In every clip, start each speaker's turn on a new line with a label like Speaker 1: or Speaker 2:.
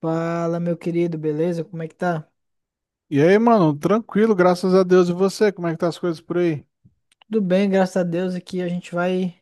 Speaker 1: Fala, meu querido, beleza? Como é que tá?
Speaker 2: E aí, mano, tranquilo, graças a Deus. E você, como é que tá as coisas por aí?
Speaker 1: Tudo bem, graças a Deus. Aqui a gente vai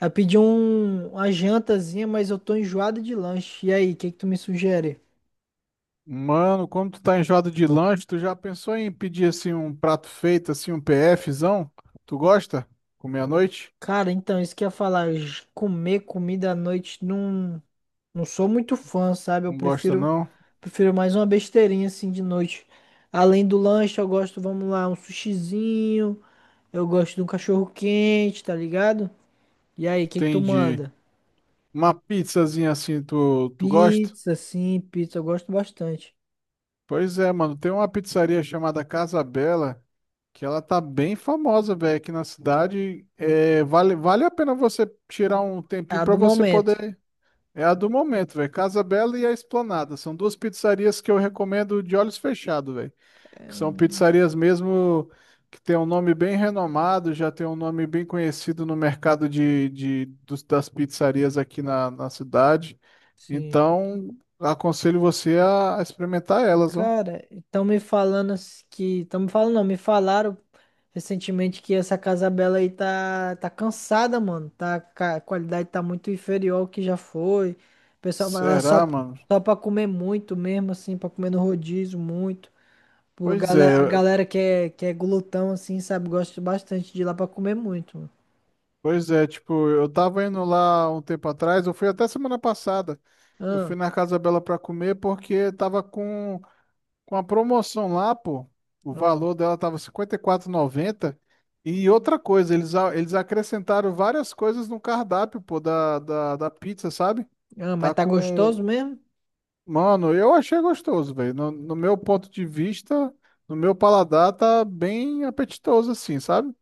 Speaker 1: a pedir uma jantazinha, mas eu tô enjoado de lanche. E aí, o que que tu me sugere?
Speaker 2: Mano, como tu tá enjoado de lanche, tu já pensou em pedir assim um prato feito, assim, um PFzão? Tu gosta? Comer à noite?
Speaker 1: Cara, então, isso que eu ia falar, comer comida à noite não, não sou muito fã, sabe? Eu
Speaker 2: Não gosta,
Speaker 1: prefiro
Speaker 2: não?
Speaker 1: prefiro mais uma besteirinha assim de noite. Além do lanche, eu gosto, vamos lá, um sushizinho, eu gosto de um cachorro quente, tá ligado? E aí, o que que tu
Speaker 2: Entendi.
Speaker 1: manda?
Speaker 2: Uma pizzazinha assim, tu gosta?
Speaker 1: Pizza, sim, pizza, eu gosto bastante.
Speaker 2: Pois é, mano, tem uma pizzaria chamada Casa Bela, que ela tá bem famosa, velho, aqui na cidade. É, vale a pena você tirar um
Speaker 1: A
Speaker 2: tempinho pra
Speaker 1: do
Speaker 2: você
Speaker 1: momento.
Speaker 2: poder. É a do momento, velho. Casa Bela e a Esplanada. São duas pizzarias que eu recomendo de olhos fechados, velho.
Speaker 1: É,
Speaker 2: Que são pizzarias mesmo que tem um nome bem renomado, já tem um nome bem conhecido no mercado das pizzarias aqui na cidade.
Speaker 1: sim.
Speaker 2: Então, aconselho você a experimentar elas, ó.
Speaker 1: Cara, estão me falando s- que. Estão me falando, não, me falaram recentemente que essa Casa Bela aí tá cansada, mano. Tá, a qualidade tá muito inferior ao que já foi. O pessoal vai lá só,
Speaker 2: Será, mano?
Speaker 1: só pra comer muito mesmo, assim, pra comer no rodízio muito. Pô, A
Speaker 2: Pois
Speaker 1: galera, a
Speaker 2: é,
Speaker 1: galera que é glutão, assim, sabe, gosta bastante de ir lá pra comer muito, mano.
Speaker 2: pois é. Tipo, eu tava indo lá um tempo atrás, eu fui até semana passada. Eu
Speaker 1: Ah,
Speaker 2: fui na Casa Bela pra comer porque tava com. Com a promoção lá, pô, o
Speaker 1: ah,
Speaker 2: valor dela tava 54,90. E quatro e noventa. E outra coisa, eles acrescentaram várias coisas no cardápio, pô, da pizza, sabe?
Speaker 1: ah,
Speaker 2: Tá
Speaker 1: mas tá
Speaker 2: com.
Speaker 1: gostoso mesmo?
Speaker 2: Mano, eu achei gostoso, velho. No meu ponto de vista, no meu paladar, tá bem apetitoso, assim, sabe?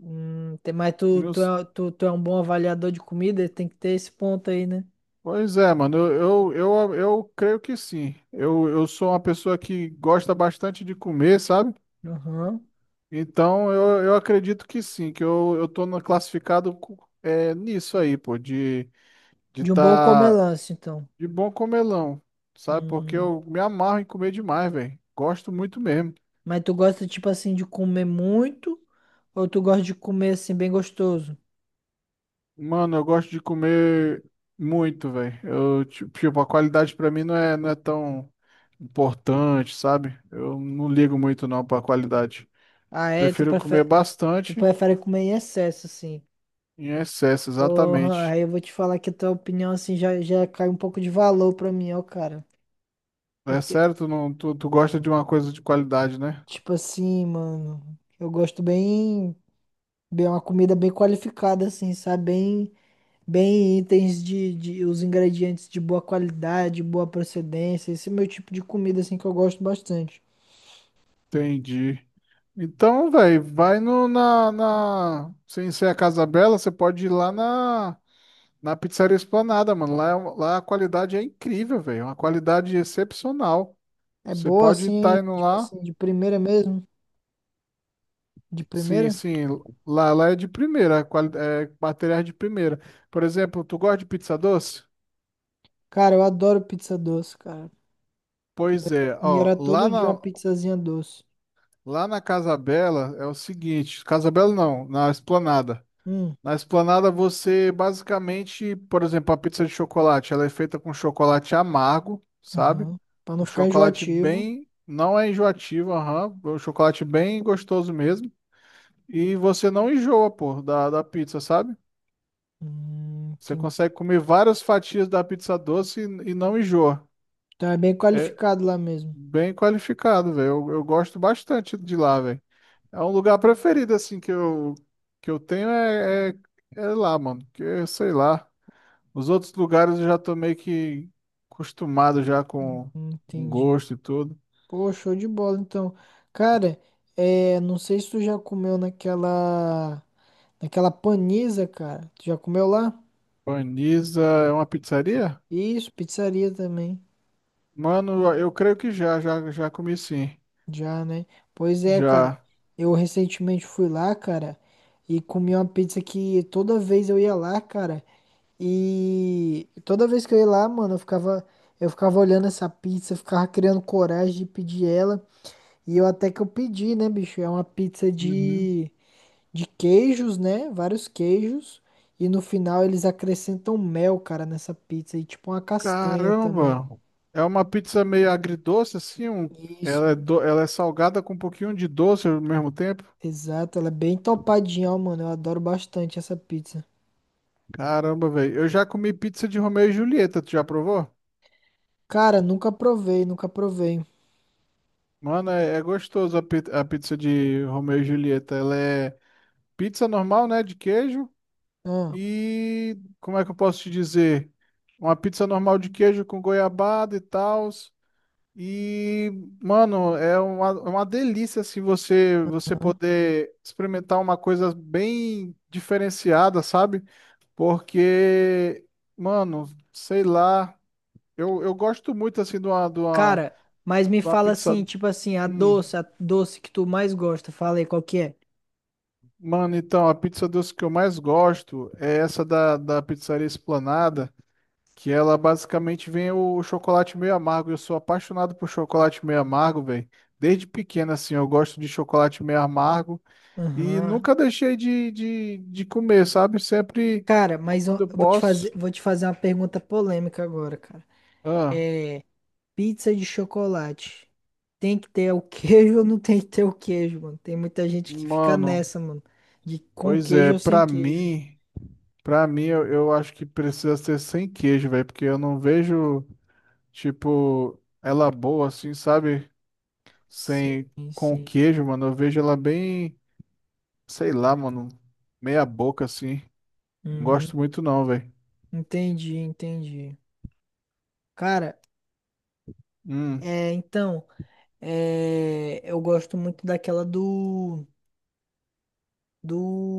Speaker 1: Tem- mas
Speaker 2: Meus-
Speaker 1: tu, tu é um bom avaliador de comida, tem que ter esse ponto aí, né?
Speaker 2: Pois é, mano, eu creio que sim. Eu sou uma pessoa que gosta bastante de comer, sabe?
Speaker 1: Aham.
Speaker 2: Então, eu acredito que sim, que eu tô classificado nisso aí, pô, de
Speaker 1: De um bom
Speaker 2: tá
Speaker 1: comelance, então.
Speaker 2: de bom comelão, sabe? Porque
Speaker 1: Hum,
Speaker 2: eu me amarro em comer demais, velho. Gosto muito mesmo.
Speaker 1: mas tu gosta, tipo assim, de comer muito ou tu gosta de comer, assim, bem gostoso?
Speaker 2: Mano, eu gosto de comer muito, velho. Tipo, a qualidade pra mim não é tão importante, sabe? Eu não ligo muito não pra qualidade.
Speaker 1: Ah, é? Tu
Speaker 2: Prefiro comer
Speaker 1: prefere, tu
Speaker 2: bastante
Speaker 1: prefere comer em excesso, assim.
Speaker 2: em excesso,
Speaker 1: Porra,
Speaker 2: exatamente.
Speaker 1: aí eu vou te falar que a tua opinião, assim, já cai um pouco de valor pra mim, ó, cara.
Speaker 2: É
Speaker 1: Porque,
Speaker 2: certo? Não, tu gosta de uma coisa de qualidade, né?
Speaker 1: tipo assim, mano, eu gosto bem uma comida bem qualificada, assim, sabe? Bem. Itens de os ingredientes de boa qualidade, boa procedência. Esse é o meu tipo de comida assim que eu gosto bastante.
Speaker 2: Entendi. Então, velho, vai no, na, na. Sem ser a Casa Bela, você pode ir lá na Pizzaria Esplanada, mano. Lá a qualidade é incrível, velho. É uma qualidade excepcional.
Speaker 1: É
Speaker 2: Você
Speaker 1: boa
Speaker 2: pode
Speaker 1: assim,
Speaker 2: estar indo
Speaker 1: tipo
Speaker 2: lá.
Speaker 1: assim, de primeira mesmo, de
Speaker 2: Sim,
Speaker 1: primeira?
Speaker 2: sim. Lá é de primeira. É, materiais de primeira. Por exemplo, tu gosta de pizza doce?
Speaker 1: Cara, eu adoro pizza doce, cara.
Speaker 2: Pois
Speaker 1: Puta, eu
Speaker 2: é,
Speaker 1: comia
Speaker 2: ó.
Speaker 1: era
Speaker 2: Lá
Speaker 1: todo dia
Speaker 2: na,
Speaker 1: uma pizzazinha doce.
Speaker 2: lá na Casa Bela é o seguinte: Casa Bela não, na Esplanada.
Speaker 1: Hum,
Speaker 2: Na Esplanada você basicamente, por exemplo, a pizza de chocolate, ela é feita com chocolate amargo, sabe?
Speaker 1: aham. Pra não
Speaker 2: Um
Speaker 1: ficar
Speaker 2: chocolate
Speaker 1: enjoativo.
Speaker 2: bem, não é enjoativo, aham, é um chocolate bem gostoso mesmo. E você não enjoa, pô, da pizza, sabe?
Speaker 1: Hum,
Speaker 2: Você
Speaker 1: tem,
Speaker 2: consegue comer várias fatias da pizza doce e não enjoa.
Speaker 1: tá bem
Speaker 2: É
Speaker 1: qualificado lá mesmo.
Speaker 2: bem qualificado, velho. Eu gosto bastante de lá, velho. É um lugar preferido, assim, que eu tenho é lá, mano. Que, é, sei lá. Os outros lugares eu já tô meio que acostumado já
Speaker 1: Hum,
Speaker 2: com o
Speaker 1: entendi.
Speaker 2: gosto e tudo.
Speaker 1: Pô, show de bola, então. Cara, é, não sei se tu já comeu naquela paniza, cara. Tu já comeu lá?
Speaker 2: Paniza é uma pizzaria?
Speaker 1: Isso, pizzaria também.
Speaker 2: Mano, eu creio que já comi, sim.
Speaker 1: Já, né? Pois é, cara.
Speaker 2: Já.
Speaker 1: Eu recentemente fui lá, cara, e comi uma pizza que toda vez eu ia lá, cara. E toda vez que eu ia lá, mano, eu ficava olhando essa pizza, eu ficava criando coragem de pedir ela. E eu até que eu pedi, né, bicho? É uma pizza
Speaker 2: Uhum.
Speaker 1: de queijos, né? Vários queijos. E no final eles acrescentam mel, cara, nessa pizza. E tipo uma castanha também.
Speaker 2: Caramba! É uma pizza meio agridoce, assim. Um...
Speaker 1: Isso,
Speaker 2: Ela é do... Ela é salgada com um pouquinho de doce ao mesmo tempo.
Speaker 1: exato. Ela é bem topadinha, ó, mano. Eu adoro bastante essa pizza.
Speaker 2: Caramba, velho. Eu já comi pizza de Romeu e Julieta. Tu já provou?
Speaker 1: Cara, nunca provei, nunca provei.
Speaker 2: Mano, é gostoso a, a pizza de Romeu e Julieta. Ela é pizza normal, né? De queijo.
Speaker 1: Ah.
Speaker 2: E como é que eu posso te dizer? Uma pizza normal de queijo com goiabada e tal. E, mano, é uma delícia assim, você poder experimentar uma coisa bem diferenciada, sabe? Porque, mano, sei lá, eu gosto muito assim de uma, de uma,
Speaker 1: Cara, mas me
Speaker 2: de uma
Speaker 1: fala
Speaker 2: pizza.
Speaker 1: assim, tipo assim,
Speaker 2: Hum,
Speaker 1: a doce que tu mais gosta. Fala aí, qual que é?
Speaker 2: mano, então, a pizza doce que eu mais gosto é essa da pizzaria Esplanada. Que ela basicamente vem o chocolate meio amargo. Eu sou apaixonado por chocolate meio amargo, velho. Desde pequeno, assim, eu gosto de chocolate meio amargo e
Speaker 1: Aham.
Speaker 2: nunca deixei de comer, sabe? Sempre
Speaker 1: Cara, mas eu
Speaker 2: quando eu
Speaker 1: eu
Speaker 2: posso.
Speaker 1: vou te fazer uma pergunta polêmica agora, cara.
Speaker 2: Ah,
Speaker 1: É, pizza de chocolate. Tem que ter o queijo ou não tem que ter o queijo, mano? Tem muita gente que fica
Speaker 2: mano,
Speaker 1: nessa, mano. De com
Speaker 2: pois
Speaker 1: queijo
Speaker 2: é,
Speaker 1: ou sem queijo.
Speaker 2: pra mim eu acho que precisa ser sem queijo, velho, porque eu não vejo, tipo, ela boa, assim, sabe?
Speaker 1: Sim,
Speaker 2: Sem, com
Speaker 1: sim.
Speaker 2: queijo, mano. Eu vejo ela bem, sei lá, mano, meia boca, assim.
Speaker 1: Hum,
Speaker 2: Gosto muito não, velho.
Speaker 1: entendi, entendi. Cara,
Speaker 2: Hum,
Speaker 1: é, então, é, eu gosto muito daquela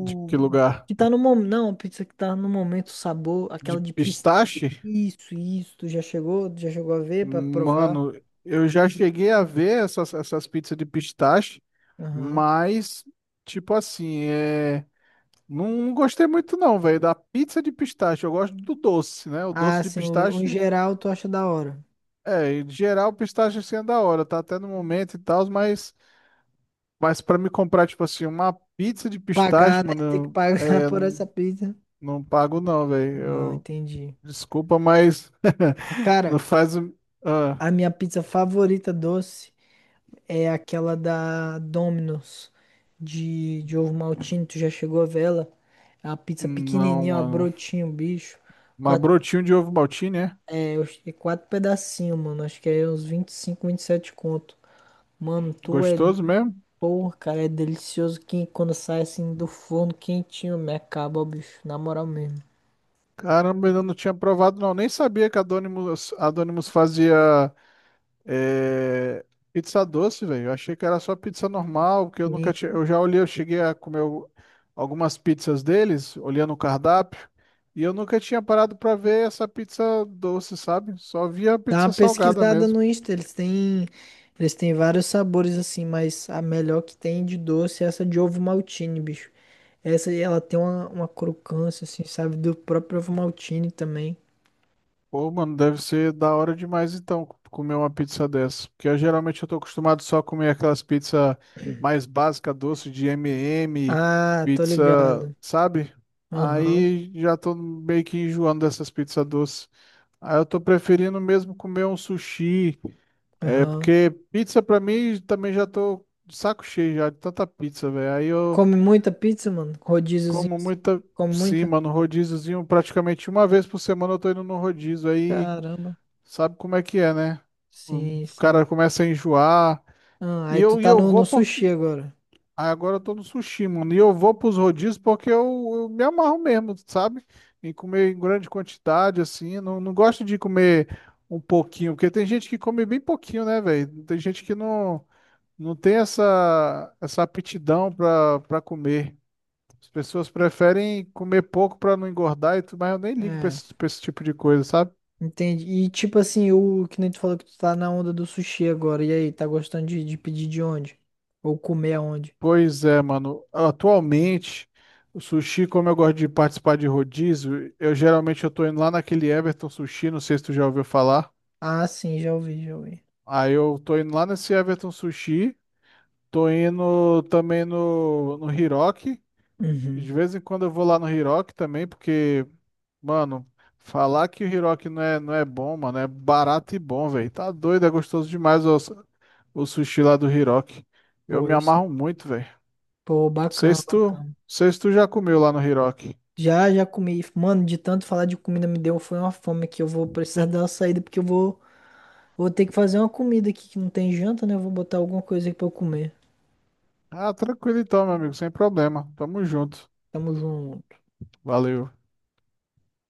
Speaker 2: de que lugar?
Speaker 1: que tá no momento, não, pizza que tá no momento, o sabor,
Speaker 2: De
Speaker 1: aquela de pis...
Speaker 2: pistache?
Speaker 1: Isso, já chegou a ver pra provar?
Speaker 2: Mano, eu já cheguei a ver essas pizzas de pistache,
Speaker 1: Aham.
Speaker 2: mas, tipo assim, é... Não, gostei muito não, velho, da pizza de pistache. Eu gosto do doce, né? O doce
Speaker 1: Ah,
Speaker 2: de
Speaker 1: sim, o em
Speaker 2: pistache,
Speaker 1: geral tu acha da hora.
Speaker 2: é, em geral, pistache assim é da hora, tá até no momento e tal, mas para me comprar, tipo assim, uma pizza de pistache,
Speaker 1: Pagar, né? Tem que
Speaker 2: mano,
Speaker 1: pagar
Speaker 2: é,
Speaker 1: por essa pizza.
Speaker 2: não pago não,
Speaker 1: Não,
Speaker 2: velho.
Speaker 1: entendi.
Speaker 2: Desculpa, mas não
Speaker 1: Cara,
Speaker 2: faz. Ah,
Speaker 1: a minha pizza favorita doce é aquela da Domino's de ovo maltine. Tu já chegou a ver ela? É uma pizza
Speaker 2: não,
Speaker 1: pequenininha, uma
Speaker 2: mano.
Speaker 1: brotinho, bicho.
Speaker 2: Mas
Speaker 1: Quatro,
Speaker 2: brotinho de ovo maltine, é?
Speaker 1: é, eu acho que é quatro pedacinhos, mano. Acho que é uns 25, sete conto. Mano, tu é.
Speaker 2: Gostoso mesmo?
Speaker 1: Porra, cara, é delicioso que quando sai assim do forno quentinho, me acaba, ó, bicho. Na moral mesmo.
Speaker 2: Caramba, ainda não tinha provado, não. Nem sabia que a Donimo's fazia eh, pizza doce, velho. Eu achei que era só pizza normal, porque eu nunca tinha. Eu já olhei, eu cheguei a comer algumas pizzas deles, olhando o cardápio, e eu nunca tinha parado pra ver essa pizza doce, sabe? Só via a
Speaker 1: Dá uma
Speaker 2: pizza salgada
Speaker 1: pesquisada
Speaker 2: mesmo.
Speaker 1: no Insta, eles têm vários sabores assim, mas a melhor que tem de doce é essa de ovo maltine, bicho. Essa aí, ela tem uma crocância assim, sabe, do próprio ovo maltine também.
Speaker 2: Pô, mano, deve ser da hora demais então comer uma pizza dessa. Porque eu, geralmente eu tô acostumado só a comer aquelas pizzas mais básicas, doce de M&M,
Speaker 1: Ah, tô
Speaker 2: pizza,
Speaker 1: ligado.
Speaker 2: sabe?
Speaker 1: Aham,
Speaker 2: Aí já tô meio que enjoando dessas pizzas doces. Aí eu tô preferindo mesmo comer um sushi. É,
Speaker 1: aham.
Speaker 2: porque pizza pra mim também já tô de saco cheio já de tanta pizza, velho. Aí eu
Speaker 1: Come muita pizza, mano? Rodíziozinho.
Speaker 2: como
Speaker 1: Assim.
Speaker 2: muita.
Speaker 1: Come
Speaker 2: Sim,
Speaker 1: muita?
Speaker 2: mano, rodíziozinho, praticamente uma vez por semana eu tô indo no rodízio. Aí.
Speaker 1: Caramba.
Speaker 2: Sabe como é que é, né? O
Speaker 1: Sim, sim.
Speaker 2: cara começa a enjoar.
Speaker 1: Ah, aí tu
Speaker 2: E
Speaker 1: tá
Speaker 2: eu
Speaker 1: no, no
Speaker 2: vou
Speaker 1: sushi
Speaker 2: porque.
Speaker 1: agora.
Speaker 2: Ah, agora eu tô no sushi, mano. E eu vou pros rodízios porque eu me amarro mesmo, sabe? Em comer em grande quantidade, assim. Não, não gosto de comer um pouquinho, porque tem gente que come bem pouquinho, né, velho? Tem gente que não tem essa, essa aptidão pra comer. As pessoas preferem comer pouco pra não engordar, e tudo, mas eu nem ligo
Speaker 1: É.
Speaker 2: pra esse tipo de coisa, sabe?
Speaker 1: Entendi. E tipo assim, o que nem tu falou que tu tá na onda do sushi agora. E aí, tá gostando de pedir de onde? Ou comer aonde?
Speaker 2: Pois é, mano. Atualmente, o sushi, como eu gosto de participar de rodízio, eu geralmente eu tô indo lá naquele Everton Sushi, não sei se tu já ouviu falar.
Speaker 1: Ah, sim, já ouvi, já ouvi.
Speaker 2: Aí eu tô indo lá nesse Everton Sushi, tô indo também no Hiroki.
Speaker 1: Uhum.
Speaker 2: De vez em quando eu vou lá no Hiroki também, porque, mano, falar que o Hiroki não é bom, mano, é barato e bom, velho. Tá doido, é gostoso demais o sushi lá do Hiroki. Eu me
Speaker 1: Pois.
Speaker 2: amarro muito, velho.
Speaker 1: Pô, bacana, bacana.
Speaker 2: Sei se tu já comeu lá no Hiroki.
Speaker 1: Já, já comi. Mano, de tanto falar de comida me deu, foi uma fome que eu vou precisar dar uma saída, porque eu vou ter que fazer uma comida aqui que não tem janta, né? Eu vou botar alguma coisa aqui pra eu comer.
Speaker 2: Ah, tranquilo então, meu amigo, sem problema. Tamo junto.
Speaker 1: Tamo junto.
Speaker 2: Valeu.